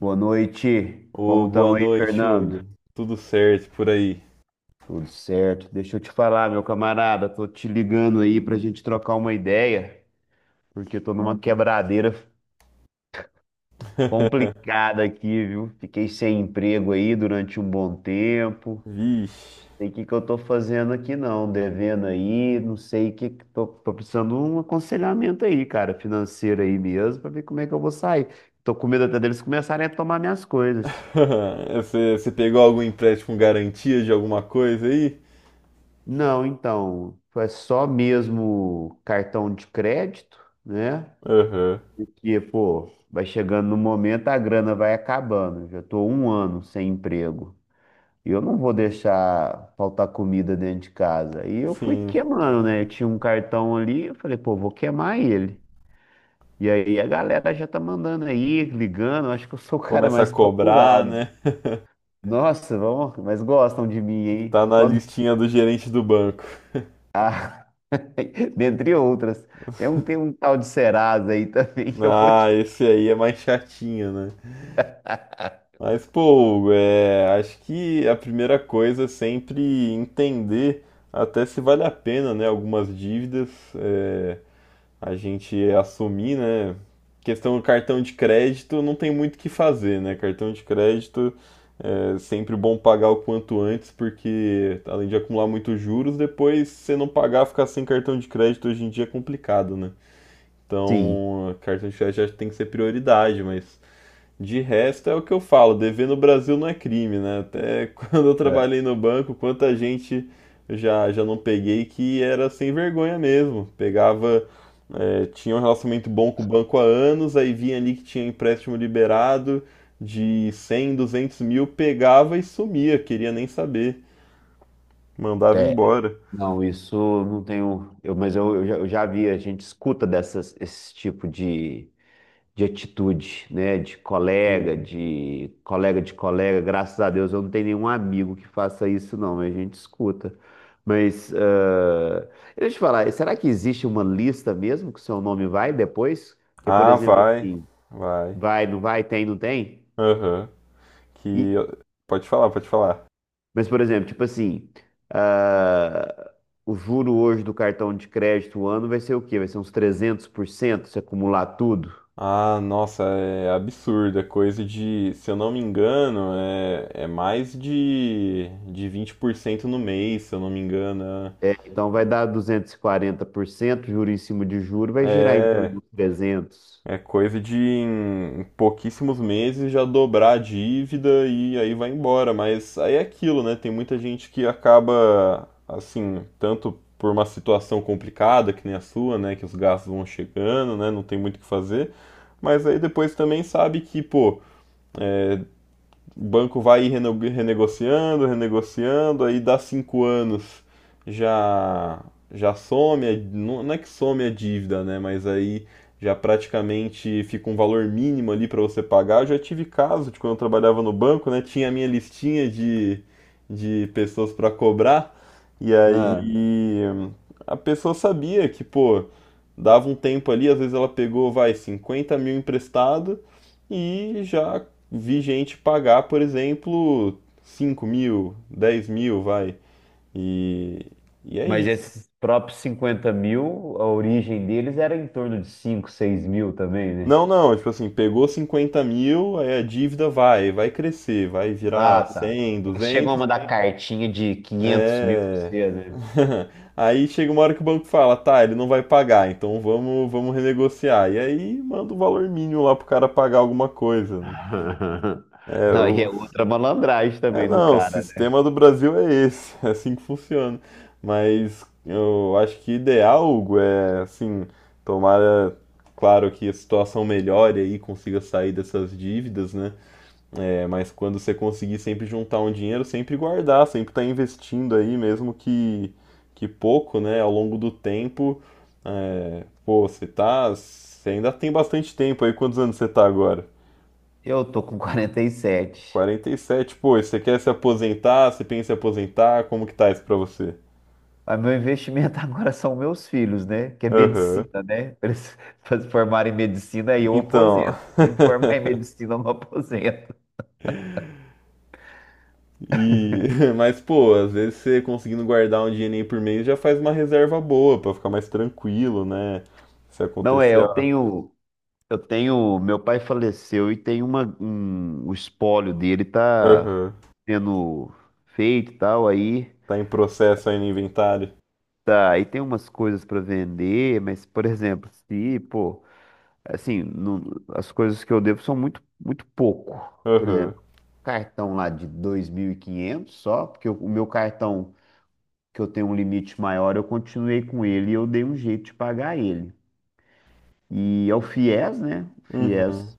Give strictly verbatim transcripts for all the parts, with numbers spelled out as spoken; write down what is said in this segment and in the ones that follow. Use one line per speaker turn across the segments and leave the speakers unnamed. Boa noite. Como
Ô, boa
estamos aí,
noite,
Fernando?
Hugo. Tudo certo por aí?
Tudo certo. Deixa eu te falar, meu camarada, tô te ligando aí pra gente trocar uma ideia, porque tô numa quebradeira complicada aqui, viu? Fiquei sem emprego aí durante um bom tempo.
Vixe.
Sei o que que eu tô fazendo aqui não, devendo aí, não sei o que que tô, tô precisando de um aconselhamento aí, cara, financeiro aí mesmo, pra ver como é que eu vou sair. Tô com medo até deles começarem a tomar minhas coisas.
Você, você pegou algum empréstimo com garantia de alguma coisa aí?
Não, então, foi só mesmo cartão de crédito, né?
Aham.
Porque, pô, vai chegando no momento, a grana vai acabando. Já tô um ano sem emprego. E eu não vou deixar faltar comida dentro de casa. E eu fui
Sim.
queimando, né? Eu tinha um cartão ali, eu falei, pô, vou queimar ele. E aí a galera já tá mandando aí, ligando. Eu Acho que eu sou o cara
Começa a
mais
cobrar,
procurado.
né?
Nossa, vamos, mas gostam de mim, hein?
Tá na
Quando...
listinha do gerente do banco.
Ah. Dentre outras. Tem um, tem um tal de Serasa aí também que eu vou
Ah,
te.
esse aí é mais chatinho, né? Mas, pô, Hugo, é, acho que a primeira coisa é sempre entender até se vale a pena, né? Algumas dívidas. é, a gente assumir, né? Questão do cartão de crédito, não tem muito o que fazer, né? Cartão de crédito é sempre bom pagar o quanto antes, porque além de acumular muitos juros, depois se você não pagar, ficar sem cartão de crédito hoje em dia é complicado, né?
Sim.
Então, cartão de crédito já tem que ser prioridade, mas de resto, é o que eu falo, dever no Brasil não é crime, né? Até quando eu
É.
trabalhei no banco, quanta gente eu já, já não peguei que era sem vergonha mesmo. Pegava, eh, tinha um relacionamento bom com o banco há anos, aí vinha ali que tinha empréstimo liberado de cem, duzentos mil, pegava e sumia, queria nem saber, mandava
É.
embora.
Não, isso eu não tenho. Eu, mas eu, eu já, eu já vi, a gente escuta dessas, esse tipo de, de atitude, né? De colega,
Sim.
de colega de colega. Graças a Deus eu não tenho nenhum amigo que faça isso, não, mas a gente escuta. Mas ah, deixa eu te falar, será que existe uma lista mesmo que o seu nome vai depois? Que, por
Ah,
exemplo,
vai,
assim,
vai.
vai, não vai, tem, não tem?
Aham.
E-
Que. Pode falar, pode falar.
mas, por exemplo, tipo assim, ah, o juro hoje do cartão de crédito o ano vai ser o quê? Vai ser uns trezentos por cento se acumular tudo?
Ah, nossa, é absurdo. É coisa de, se eu não me engano, é, é mais de, de vinte por cento no mês, se eu não me engano. É,
É, então vai dar duzentos e quarenta por cento juro em cima de juro, vai girar em
é
torno de trezentos.
é coisa de em pouquíssimos meses já dobrar a dívida e aí vai embora. Mas aí é aquilo, né? Tem muita gente que acaba, assim, tanto por uma situação complicada, que nem a sua, né? Que os gastos vão chegando, né? Não tem muito o que fazer. Mas aí depois também sabe que, pô. O banco vai renegociando, renegociando, aí dá cinco anos já já some, não é que some a dívida, né? Mas aí já praticamente fica um valor mínimo ali para você pagar. Eu já tive caso de quando eu trabalhava no banco, né? Tinha a minha listinha de, de pessoas para cobrar, e aí
Ah,
a pessoa sabia que, pô, dava um tempo ali, às vezes ela pegou, vai, cinquenta mil emprestado e já vi gente pagar, por exemplo, cinco mil, dez mil, vai. E, e é
mas
isso.
esses próprios cinquenta mil, a origem deles era em torno de cinco, seis mil também, né?
Não, não, tipo assim, pegou cinquenta mil, aí a dívida vai, vai crescer, vai virar
Ah, tá.
cem,
Eles chegam a
duzentos.
mandar cartinha de quinhentos mil pra
É.
você, né?
Aí chega uma hora que o banco fala, tá, ele não vai pagar, então vamos, vamos renegociar. E aí manda o valor mínimo lá pro cara pagar alguma coisa. Né? É,
Não, e é
o-
outra malandragem
É,
também do
não, o
cara.
sistema do Brasil é esse, é assim que funciona. Mas eu acho que ideal, Hugo, é assim, tomara, claro que a situação melhore aí, consiga sair dessas dívidas, né? É, mas quando você conseguir sempre juntar um dinheiro, sempre guardar, sempre estar investindo aí, mesmo que, que pouco, né? Ao longo do tempo, é, pô, você tá, você ainda tem bastante tempo aí, quantos anos você tá agora?
Eu tô com quarenta e sete.
Quarenta e sete, pô, você quer se aposentar? Você pensa em se aposentar? Como que tá isso pra você?
Mas meu investimento agora são meus filhos, né? Que é
Aham.
medicina, né? Pra eles pra se formarem em medicina, aí eu
Então.
aposento. Se não formar em medicina, eu não aposento.
E, mas pô, às vezes você conseguindo guardar um dinheirinho por mês já faz uma reserva boa pra ficar mais tranquilo, né? Se
Não é,
acontecer,
eu
ó,
tenho, eu tenho, meu pai faleceu e tem uma, um, o espólio dele tá
aham,
sendo feito e tal, aí
Tá em processo aí no inventário?
tá, aí tem umas coisas para vender, mas por exemplo, se, pô, Assim, não- as coisas que eu devo são muito, muito pouco. Por
Aham.
exemplo, cartão lá de dois mil e quinhentos só, porque o o meu cartão, que eu tenho um limite maior, eu continuei com ele e eu dei um jeito de pagar ele. E é o FIES, né? O
Uhum.
FIES,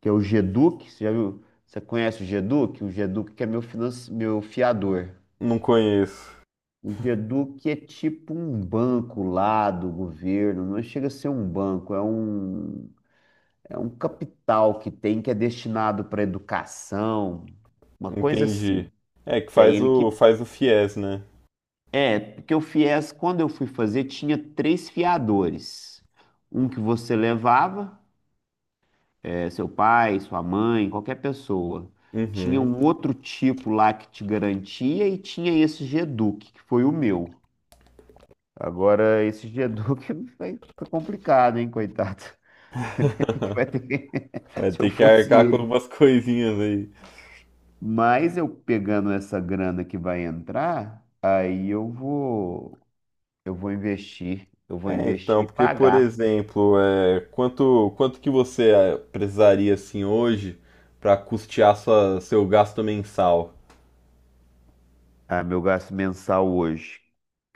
que é o GEDUC. Você já viu? Você conhece o GEDUC? O GEDUC que é meu, finance... meu fiador.
Não conheço.
O GEDUC é tipo um banco lá do governo, não chega a ser um banco, é um. É um capital que tem que é destinado para educação, uma coisa
Entendi.
assim.
É que
Que é
faz
ele
o
que.
faz o FIES, né?
É, porque o FIES, quando eu fui fazer, tinha três fiadores. Um que você levava, é, seu pai, sua mãe, qualquer pessoa. Tinha
Uhum.
um outro tipo lá que te garantia e tinha esse Geduc, que foi o meu. Agora, esse Geduc vai- tá complicado, hein, coitado. Vai ter que-
Vai
Se eu
ter que
fosse
arcar com
ele.
algumas coisinhas aí.
Mas eu pegando essa grana que vai entrar, aí eu vou, eu vou investir, eu vou
É,
investir
então,
e
porque, por
pagar.
exemplo, é, quanto, quanto que você é, precisaria, assim, hoje para custear sua, seu gasto mensal?
Ah, meu gasto mensal hoje.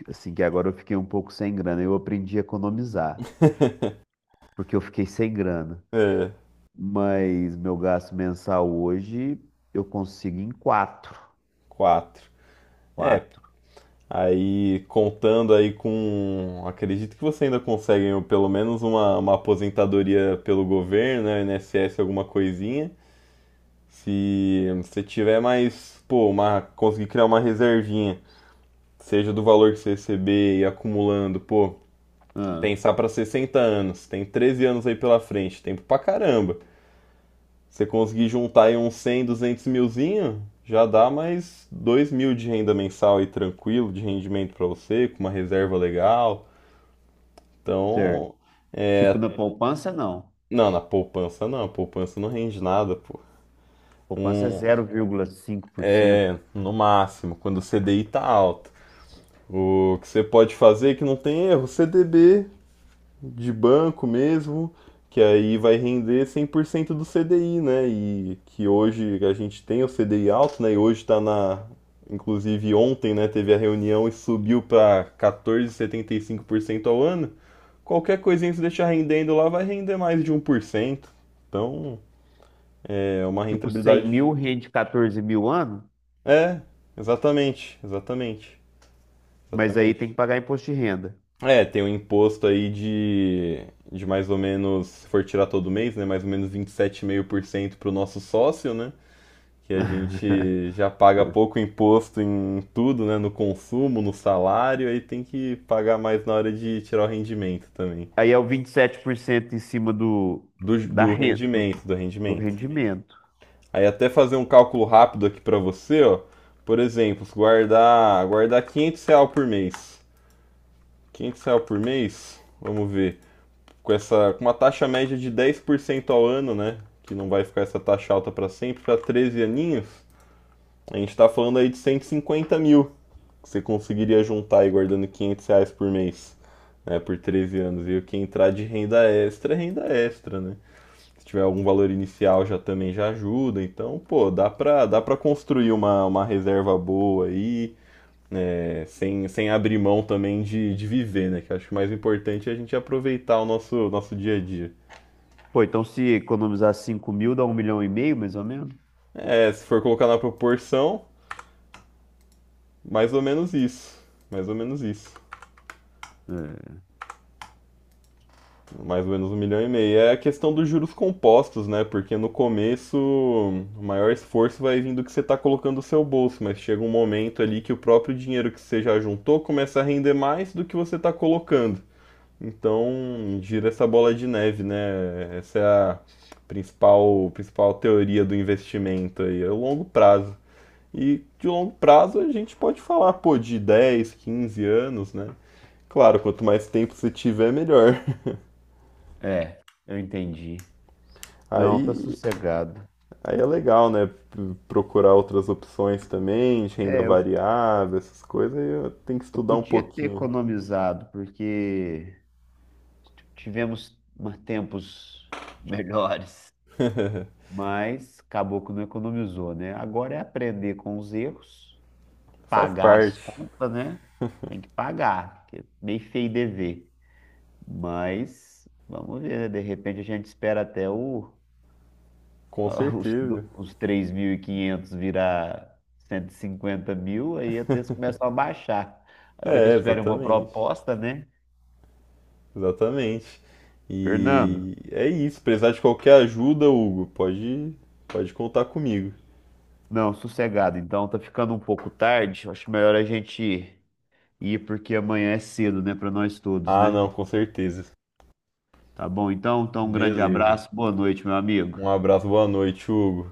Assim que agora eu fiquei um pouco sem grana, eu aprendi a economizar, porque eu fiquei sem grana.
É,
Mas meu gasto mensal hoje eu consigo em quatro,
quatro. É,
quatro.
aí contando aí com. Acredito que você ainda consegue, né, pelo menos uma, uma aposentadoria pelo governo, né, I N S S, alguma coisinha. Se você tiver mais, pô, uma, conseguir criar uma reservinha, seja do valor que você receber e acumulando, pô.
Ah,
Pensar para sessenta anos, tem treze anos aí pela frente, tempo pra caramba. Você conseguir juntar aí uns cem, duzentos milzinho, já dá mais dois mil de renda mensal aí tranquilo, de rendimento para você, com uma reserva legal.
certo.
Então,
Tipo
é.
na poupança não.
Não, na poupança não, a poupança não rende nada, pô.
Poupança é
Um,
zero vírgula cinco por cento.
é, no máximo, quando o C D I tá alto. O que você pode fazer, que não tem erro, C D B de banco mesmo, que aí vai render cem por cento do C D I, né? E que hoje a gente tem o C D I alto, né? E hoje está na. Inclusive ontem, né? Teve a reunião e subiu para quatorze vírgula setenta e cinco por cento ao ano. Qualquer coisinha que você deixar rendendo lá vai render mais de um por cento. Então é uma
Tipo cem
rentabilidade.
mil rende quatorze mil ano.
É, exatamente, exatamente,
Mas aí tem que
exatamente.
pagar imposto de renda.
É, tem um imposto aí de, de mais ou menos, se for tirar todo mês, né? Mais ou menos vinte e sete vírgula cinco por cento para o nosso sócio, né? Que a gente já paga pouco imposto em tudo, né? No consumo, no salário, aí tem que pagar mais na hora de tirar o rendimento também.
Aí é o vinte e sete por cento em cima do,
Do,
da
do
renda, do,
rendimento, do
do
rendimento.
rendimento.
Aí até fazer um cálculo rápido aqui para você, ó. Por exemplo, se guardar, guardar quinhentos reais por mês. Quinhentos reais por mês, vamos ver. com essa com uma taxa média de dez por cento ao ano, né? Que não vai ficar essa taxa alta para sempre, para treze aninhos, a gente está falando aí de cento e cinquenta mil que você conseguiria juntar aí guardando quinhentos reais por mês, né? Por treze anos. E o que entrar de renda extra é renda extra, né? Se tiver algum valor inicial já também já ajuda. Então, pô, dá para dá para construir uma, uma reserva boa aí. Né, sem, sem abrir mão também de, de viver, né? Que eu acho que o mais importante é a gente aproveitar o nosso, nosso dia a dia.
Pô, então se economizar cinco mil, dá um milhão e meio, mais ou menos?
É, se for colocar na proporção, mais ou menos isso. Mais ou menos isso. Mais ou menos um milhão e meio. É a questão dos juros compostos, né? Porque no começo o maior esforço vai vindo do que você está colocando no seu bolso, mas chega um momento ali que o próprio dinheiro que você já juntou começa a render mais do que você está colocando. Então gira essa bola de neve, né? Essa é a principal, principal teoria do investimento aí, é o longo prazo. E de longo prazo a gente pode falar, pô, de dez, quinze anos, né? Claro, quanto mais tempo você tiver, melhor.
É, é, eu entendi. Não, tá
Aí,
sossegado.
aí é legal, né? P- Procurar outras opções também, de renda
É, eu,
variável, essas coisas, aí eu tenho que
eu
estudar um
podia ter
pouquinho.
economizado, porque tivemos uma- tempos melhores, mas acabou que não economizou, né? Agora é aprender com os erros
Faz
pagar as
parte,
contas, né? Tem que pagar, porque é meio feio dever. Mas vamos ver, né? De repente a gente espera até o,
com
os,
certeza.
do- os três mil e quinhentos virar cento e cinquenta mil, aí até eles começam a baixar. A hora que
É,
eles tiverem uma
exatamente.
proposta, né?
Exatamente.
Fernando,
E é isso. Precisar de qualquer ajuda, Hugo, pode, pode contar comigo.
não, sossegado. Então tá ficando um pouco tarde. Acho melhor a gente ir porque amanhã é cedo, né? Para nós todos,
Ah,
né?
não, com certeza.
Tá bom, então, então um grande
Beleza.
abraço, boa noite, meu amigo.
Um abraço, boa noite, Hugo.